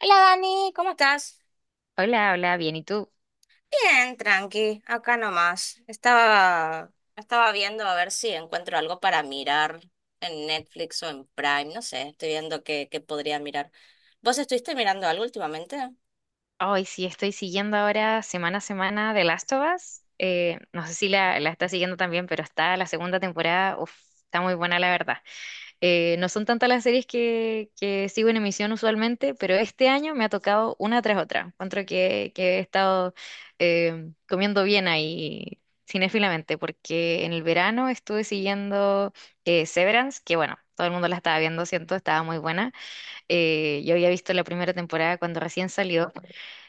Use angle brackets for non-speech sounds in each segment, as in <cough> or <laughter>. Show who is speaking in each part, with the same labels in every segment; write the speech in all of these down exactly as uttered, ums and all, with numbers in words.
Speaker 1: Hola Dani, ¿cómo estás?
Speaker 2: Hola, hola, bien, ¿y tú?
Speaker 1: Bien, tranqui, acá nomás. Estaba, estaba viendo a ver si encuentro algo para mirar en Netflix o en Prime, no sé, estoy viendo qué, qué podría mirar. ¿Vos estuviste mirando algo últimamente?
Speaker 2: Hoy sí estoy siguiendo ahora semana a semana The Last of Us. Eh, no sé si la, la estás siguiendo también, pero está la segunda temporada, uf, está muy buena la verdad. Eh, no son tantas las series que, que sigo en emisión usualmente, pero este año me ha tocado una tras otra. Encuentro que, que he estado eh, comiendo bien ahí cinéfilamente, porque en el verano estuve siguiendo eh, Severance, que bueno, todo el mundo la estaba viendo, siento, estaba muy buena. Eh, yo había visto la primera temporada cuando recién salió,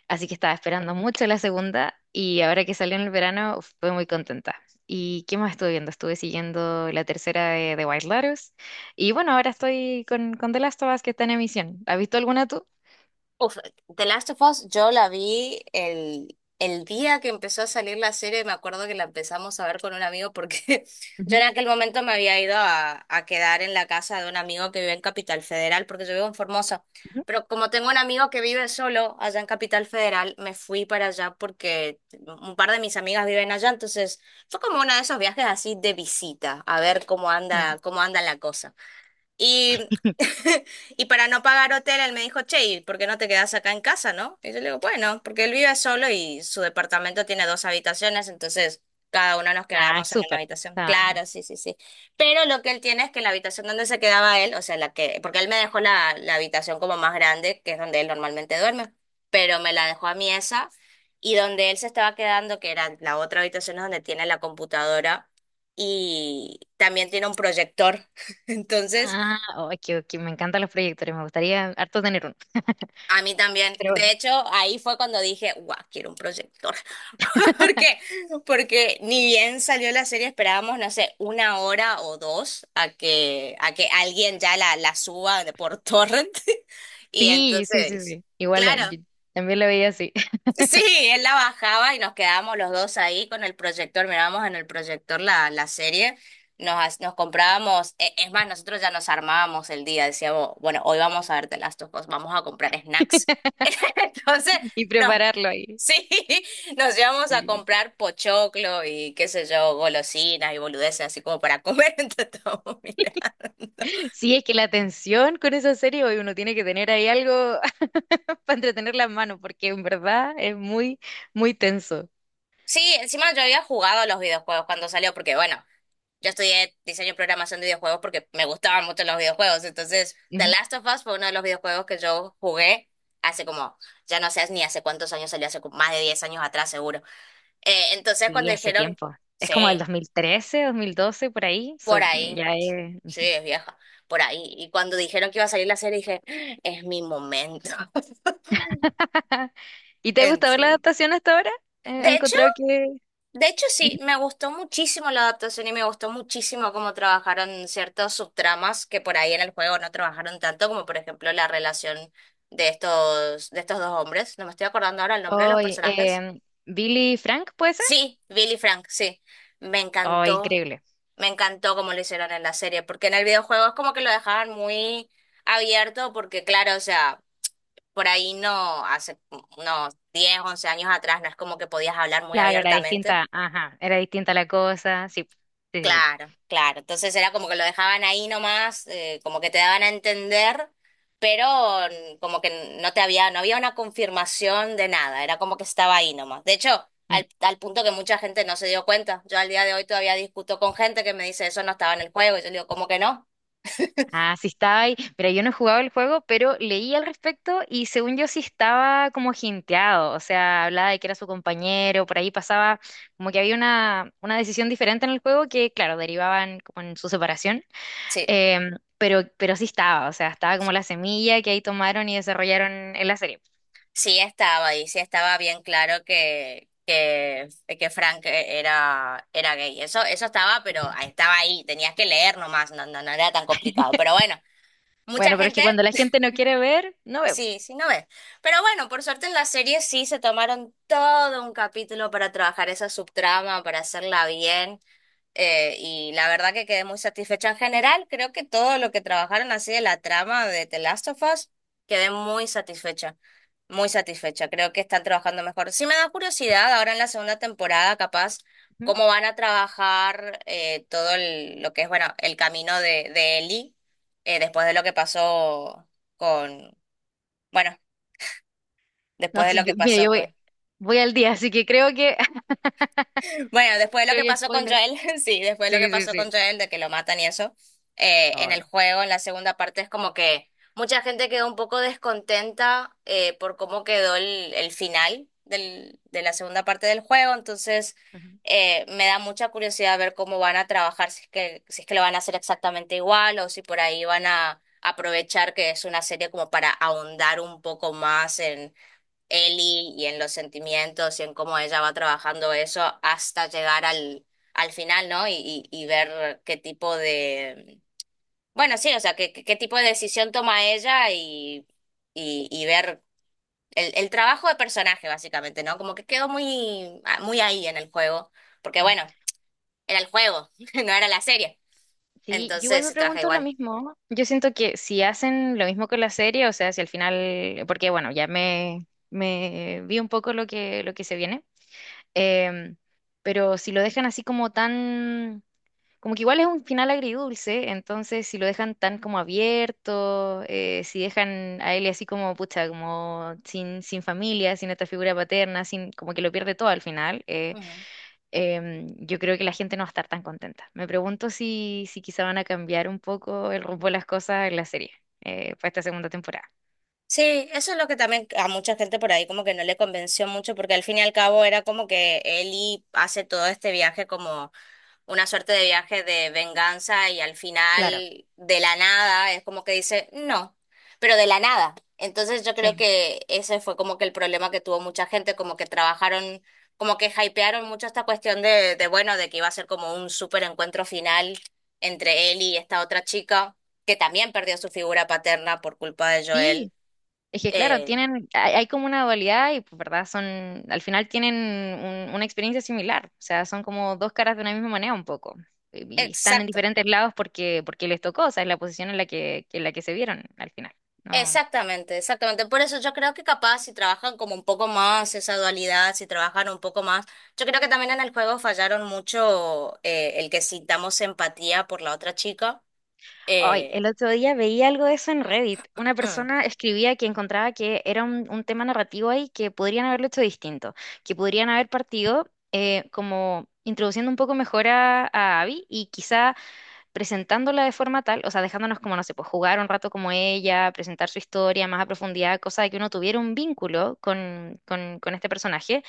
Speaker 2: así que estaba esperando mucho la segunda y ahora que salió en el verano fue muy contenta. ¿Y qué más estuve viendo? Estuve siguiendo la tercera de, de White Lotus y bueno, ahora estoy con, con The Last of Us que está en emisión. ¿Has visto alguna tú?
Speaker 1: Uf, The Last of Us, yo la vi el, el día que empezó a salir la serie, me acuerdo que la empezamos a ver con un amigo porque <laughs> yo en
Speaker 2: Ujú,
Speaker 1: aquel momento me había ido a, a quedar en la casa de un amigo que vive en Capital Federal, porque yo vivo en Formosa,
Speaker 2: ujú.
Speaker 1: pero como tengo un amigo que vive solo allá en Capital Federal, me fui para allá porque un par de mis amigas viven allá, entonces fue como uno de esos viajes así de visita, a ver cómo
Speaker 2: Ya.
Speaker 1: anda, cómo anda la cosa. Y,
Speaker 2: <laughs>
Speaker 1: <laughs> y para no pagar hotel, él me dijo, che, ¿y por qué no te quedas acá en casa, no? Y yo le digo, bueno, porque él vive solo y su departamento tiene dos habitaciones, entonces cada uno nos
Speaker 2: Ah,
Speaker 1: quedábamos en una
Speaker 2: súper.
Speaker 1: habitación.
Speaker 2: Ah,
Speaker 1: Claro, sí, sí, sí. Pero lo que él tiene es que la habitación donde se quedaba él, o sea, la que, porque él me dejó la, la habitación como más grande, que es donde él normalmente duerme, pero me la dejó a mí esa, y donde él se estaba quedando, que era la otra habitación es donde tiene la computadora. Y también tiene un proyector. <laughs> Entonces,
Speaker 2: ah, oh, que, que me encantan los proyectores, me gustaría harto tener uno. <laughs>
Speaker 1: a mí también.
Speaker 2: Pero bueno.
Speaker 1: De hecho, ahí fue cuando dije, guau, quiero un proyector. <laughs> ¿Por qué? Porque ni bien salió la serie, esperábamos, no sé, una hora o dos a que, a que alguien ya la, la suba de por torrent. <laughs> Y
Speaker 2: Sí, sí, sí,
Speaker 1: entonces,
Speaker 2: sí. Igual eh,
Speaker 1: claro.
Speaker 2: yo también lo veía así.
Speaker 1: Sí, él la bajaba y nos quedábamos los dos ahí con el proyector, mirábamos en el proyector la, la serie, nos, ha- nos comprábamos, e- es más, nosotros ya nos armábamos el día, decíamos, bueno, hoy vamos a ver The Last of Us, vamos a comprar snacks. <laughs>
Speaker 2: <laughs>
Speaker 1: Entonces,
Speaker 2: Y
Speaker 1: no,
Speaker 2: prepararlo ahí.
Speaker 1: sí, nos íbamos a
Speaker 2: Sí, sí, sí.
Speaker 1: comprar pochoclo y qué sé yo, golosinas y boludeces, así como para comer <laughs> entre todos, mira.
Speaker 2: Sí, es que la tensión con esa serie, hoy uno tiene que tener ahí algo <laughs> para entretener las manos, porque en verdad es muy, muy tenso.
Speaker 1: Sí, encima yo había jugado a los videojuegos cuando salió, porque bueno, yo estudié diseño y programación de videojuegos porque me gustaban mucho los videojuegos. Entonces, The
Speaker 2: Ujú.
Speaker 1: Last of Us fue uno de los videojuegos que yo jugué hace como, ya no sé ni hace cuántos años salió, hace como más de diez años atrás seguro. Eh, entonces,
Speaker 2: Sí,
Speaker 1: cuando
Speaker 2: hace
Speaker 1: dijeron,
Speaker 2: tiempo. Es como del
Speaker 1: sí,
Speaker 2: dos mil trece, dos mil doce, por ahí. So,
Speaker 1: por ahí,
Speaker 2: ya es…
Speaker 1: sí,
Speaker 2: ujú.
Speaker 1: es vieja, por ahí. Y cuando dijeron que iba a salir la serie, dije, "Ah, es mi momento". <laughs>
Speaker 2: <laughs> ¿Y te
Speaker 1: En
Speaker 2: gusta ver la
Speaker 1: sí.
Speaker 2: adaptación hasta ahora? Eh,
Speaker 1: De
Speaker 2: ¿Has
Speaker 1: hecho,
Speaker 2: encontrado que…
Speaker 1: De hecho, sí,
Speaker 2: Ujú.
Speaker 1: me gustó muchísimo la adaptación y me gustó muchísimo cómo trabajaron ciertos subtramas que por ahí en el juego no trabajaron tanto, como por ejemplo la relación de estos, de estos dos hombres. No me estoy acordando ahora el nombre de los
Speaker 2: Hoy,
Speaker 1: personajes.
Speaker 2: em, Billy Frank, ¿puede ser?
Speaker 1: Sí, Billy y Frank, sí. Me
Speaker 2: Oh,
Speaker 1: encantó,
Speaker 2: increíble.
Speaker 1: me encantó cómo lo hicieron en la serie, porque en el videojuego es como que lo dejaban muy abierto, porque claro, o sea, por ahí no, hace unos diez, once años atrás no es como que podías hablar muy
Speaker 2: Claro, era
Speaker 1: abiertamente.
Speaker 2: distinta, ajá, era distinta la cosa, sí, sí, sí.
Speaker 1: Claro, claro. Entonces era como que lo dejaban ahí nomás, eh, como que te daban a entender, pero mm, como que no te había, no había una confirmación de nada, era como que estaba ahí nomás. De hecho,
Speaker 2: Sí.
Speaker 1: al, al punto que mucha gente no se dio cuenta. Yo al día de hoy todavía discuto con gente que me dice eso no estaba en el juego, y yo le digo, ¿cómo que no?
Speaker 2: Ah, sí estaba ahí. Pero yo no he jugado el juego, pero leí al respecto y según yo sí estaba como jinteado. O sea, hablaba de que era su compañero, por ahí pasaba como que había una, una decisión diferente en el juego que, claro, derivaban como en su separación.
Speaker 1: Sí,
Speaker 2: Em, pero, pero sí estaba, o sea, estaba como la semilla que ahí tomaron y desarrollaron en la serie.
Speaker 1: sí estaba ahí, sí estaba bien claro que, que, que Frank e, era, era gay. Eso, eso estaba, pero
Speaker 2: Ujú.
Speaker 1: estaba ahí, tenías que leer nomás, no, no, no era tan complicado. Pero bueno. Mucha
Speaker 2: Bueno, pero es
Speaker 1: gente
Speaker 2: que cuando la gente no quiere ver, no veo.
Speaker 1: sí, sí, no ves. Pero bueno, por suerte en la serie sí se tomaron todo un capítulo para trabajar esa subtrama, para hacerla bien. Eh, y la verdad que quedé muy satisfecha en general. Creo que todo lo que trabajaron así de la trama de The Last of Us, quedé muy satisfecha. Muy satisfecha. Creo que están trabajando mejor. Sí me da curiosidad ahora en la segunda temporada, capaz,
Speaker 2: Ujú.
Speaker 1: cómo van a trabajar eh, todo el- lo que es, bueno, el camino de, de Ellie eh, después de lo que pasó con bueno,
Speaker 2: No,
Speaker 1: después de
Speaker 2: sí,
Speaker 1: lo que
Speaker 2: yo, mira,
Speaker 1: pasó
Speaker 2: yo voy,
Speaker 1: con...
Speaker 2: voy al día, así que creo que, <laughs>
Speaker 1: Bueno, después de lo
Speaker 2: creo
Speaker 1: que
Speaker 2: que
Speaker 1: pasó con
Speaker 2: spoiler.
Speaker 1: Joel, <laughs> sí, después de lo que
Speaker 2: Sí, sí,
Speaker 1: pasó
Speaker 2: sí.
Speaker 1: con Joel, de que lo matan y eso, eh, en el
Speaker 2: Ay.
Speaker 1: juego, en la segunda parte, es como que mucha gente quedó un poco descontenta eh, por cómo quedó el, el final del, de la segunda parte del juego, entonces
Speaker 2: Ujú.
Speaker 1: eh, me da mucha curiosidad ver cómo van a trabajar, si es que, si es que lo van a hacer exactamente igual o si por ahí van a aprovechar que es una serie como para ahondar un poco más Ellie y en los sentimientos y en cómo ella va trabajando eso hasta llegar al, al final, ¿no? Y, y, y ver qué tipo de, bueno, sí, o sea, qué, qué qué tipo de decisión toma ella y, y, y ver el, el trabajo de personaje, básicamente, ¿no? Como que quedó muy, ah, muy ahí en el juego, porque bueno, era el juego, <laughs> no era la serie,
Speaker 2: Sí, yo igual
Speaker 1: entonces
Speaker 2: me
Speaker 1: se trabaja
Speaker 2: pregunto lo
Speaker 1: igual.
Speaker 2: mismo. Yo siento que si hacen lo mismo con la serie, o sea, si al final, porque bueno, ya me, me vi un poco lo que, lo que se viene, em, pero si lo dejan así como tan, como que igual es un final agridulce, entonces si lo dejan tan como abierto, eh, si dejan a él así como, pucha, como sin, sin familia, sin esta figura paterna, sin, como que lo pierde todo al final. Eh, em, yo creo que la gente no va a estar tan contenta. Me pregunto si, si quizá van a cambiar un poco el rumbo de las cosas en la serie eh, para esta segunda temporada.
Speaker 1: Sí, eso es lo que también a mucha gente por ahí como que no le convenció mucho, porque al fin y al cabo era como que Ellie hace todo este viaje como una suerte de viaje de venganza y al
Speaker 2: Claro,
Speaker 1: final de la nada es como que dice no, pero de la nada. Entonces yo creo
Speaker 2: sí.
Speaker 1: que ese fue como que el problema que tuvo mucha gente, como que trabajaron, como que hypearon mucho esta cuestión de, de bueno, de que iba a ser como un súper encuentro final entre Ellie y esta otra chica, que también perdió su figura paterna por culpa de
Speaker 2: Sí,
Speaker 1: Joel.
Speaker 2: es que claro,
Speaker 1: Eh,
Speaker 2: tienen, hay, hay como una dualidad y pues, verdad, son, al final tienen un- una experiencia similar, o sea, son como dos caras de una misma moneda un poco. Y y están en
Speaker 1: exacto,
Speaker 2: diferentes lados porque, porque les tocó, o sea, es la posición en la que, en la que se vieron al final. No.
Speaker 1: exactamente, exactamente. Por eso yo creo que capaz si trabajan como un poco más esa dualidad, si trabajan un poco más, yo creo que también en el juego fallaron mucho eh, el que sintamos empatía por la otra chica.
Speaker 2: Ay,
Speaker 1: Eh,
Speaker 2: el otro día veía algo de eso en Reddit. Una
Speaker 1: mm.
Speaker 2: persona escribía que encontraba que era un, un tema narrativo ahí que podrían haberlo hecho distinto, que podrían haber partido eh, como introduciendo un poco mejor a, a Abby y quizá presentándola de forma tal, o sea, dejándonos como, no sé, pues jugar un rato como ella, presentar su historia más a profundidad, cosa de que uno tuviera un vínculo con, con, con este personaje,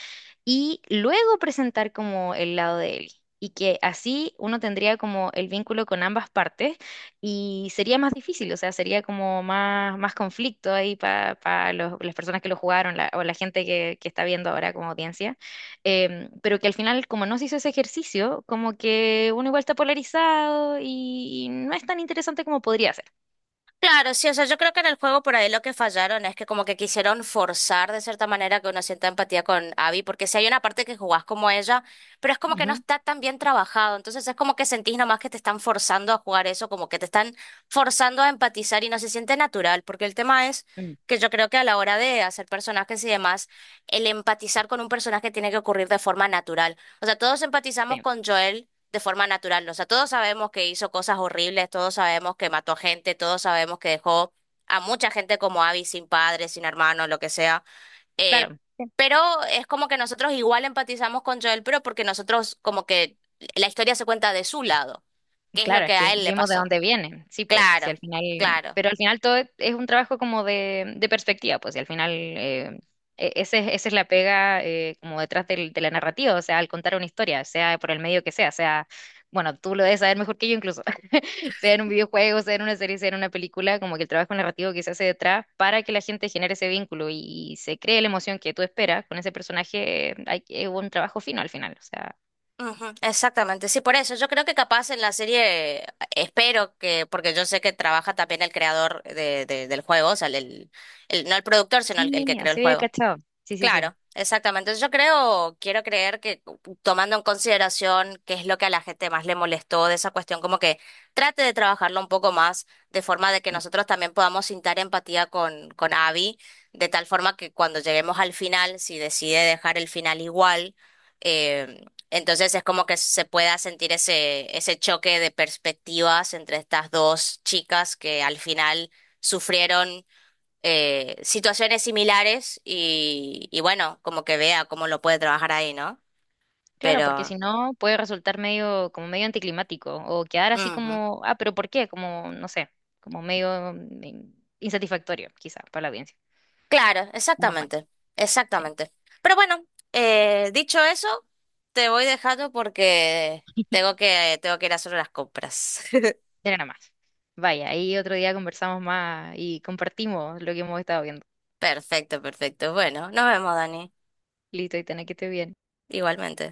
Speaker 2: y luego presentar como el lado de él. Y que así uno tendría como el vínculo con ambas partes y sería más difícil, o sea, sería como más, más conflicto ahí para las personas que lo jugaron la- o la gente que, que está viendo ahora como audiencia. Em, pero que al final, como no se hizo ese ejercicio, como que uno igual está polarizado y, y no es tan interesante como podría ser.
Speaker 1: Claro, sí, o sea, yo creo que en el juego por ahí lo que fallaron es que como que quisieron forzar de cierta manera que uno sienta empatía con Abby, porque si hay una parte que jugás como ella, pero es como que no
Speaker 2: Ujú.
Speaker 1: está tan bien trabajado, entonces es como que sentís nomás que te están forzando a jugar eso, como que te están forzando a empatizar y no se siente natural, porque el tema es
Speaker 2: Mm.
Speaker 1: que yo creo que a la hora de hacer personajes y demás, el empatizar con un personaje tiene que ocurrir de forma natural. O sea, todos empatizamos
Speaker 2: Sí,
Speaker 1: con Joel de forma natural. O sea, todos sabemos que hizo cosas horribles, todos sabemos que mató gente, todos sabemos que dejó a mucha gente como Abby sin padre, sin hermano, lo que sea. Eh,
Speaker 2: claro.
Speaker 1: pero es como que nosotros igual empatizamos con Joel, pero porque nosotros como que la historia se cuenta de su lado, qué es lo
Speaker 2: Claro, es
Speaker 1: que
Speaker 2: que
Speaker 1: a él le
Speaker 2: vimos de
Speaker 1: pasó.
Speaker 2: dónde vienen, sí, pues, si al
Speaker 1: Claro,
Speaker 2: final,
Speaker 1: claro.
Speaker 2: pero al final todo es es un trabajo como de, de perspectiva, pues, y al final eh, e- ese, es- esa es la pega eh, como detrás del- de la narrativa, o sea, al contar una historia, sea por el medio que sea, sea, bueno, tú lo debes saber mejor que yo incluso, <laughs> sea en un videojuego, sea en una serie, sea en una película, como que el trabajo narrativo que se hace detrás para que la gente genere ese vínculo y, se cree la emoción que tú esperas con ese personaje, eh, hay, es un trabajo fino al final, o sea,
Speaker 1: Ujú, exactamente, sí, por eso yo creo que capaz en la serie eh, espero que, porque yo sé que trabaja también el creador de, de- del juego, o sea, el, el- el- no el productor, sino el, el que
Speaker 2: sí,
Speaker 1: creó el
Speaker 2: así había
Speaker 1: juego.
Speaker 2: cachado, sí, sí, sí.
Speaker 1: Claro, exactamente. Yo creo, quiero creer que tomando en consideración qué es lo que a la gente más le molestó de esa cuestión, como que trate de trabajarlo un poco más, de forma de que nosotros también podamos sintar empatía con, con Abby, de tal forma que cuando lleguemos al final, si decide dejar el final igual, eh, entonces es como que se pueda sentir ese, ese choque de perspectivas entre estas dos chicas que al final sufrieron eh, situaciones similares y, y bueno, como que vea cómo lo puede trabajar ahí, ¿no?
Speaker 2: Claro, porque
Speaker 1: Pero,
Speaker 2: si no puede resultar medio, como medio anticlimático, o quedar así
Speaker 1: ujú.
Speaker 2: como, ah, pero ¿por qué? Como, no sé, como medio mm, insatisfactorio, quizá, para la audiencia.
Speaker 1: Claro,
Speaker 2: ¿Cómo fue?
Speaker 1: exactamente,
Speaker 2: Sí,
Speaker 1: exactamente. Pero bueno, eh, dicho eso, te voy dejando porque tengo que, tengo que ir a hacer las compras.
Speaker 2: era nada más. Vaya, ahí otro día conversamos más y compartimos lo que hemos estado viendo.
Speaker 1: <laughs> Perfecto, perfecto. Bueno, nos vemos, Dani,
Speaker 2: Listo, y tenés que estar bien.
Speaker 1: igualmente.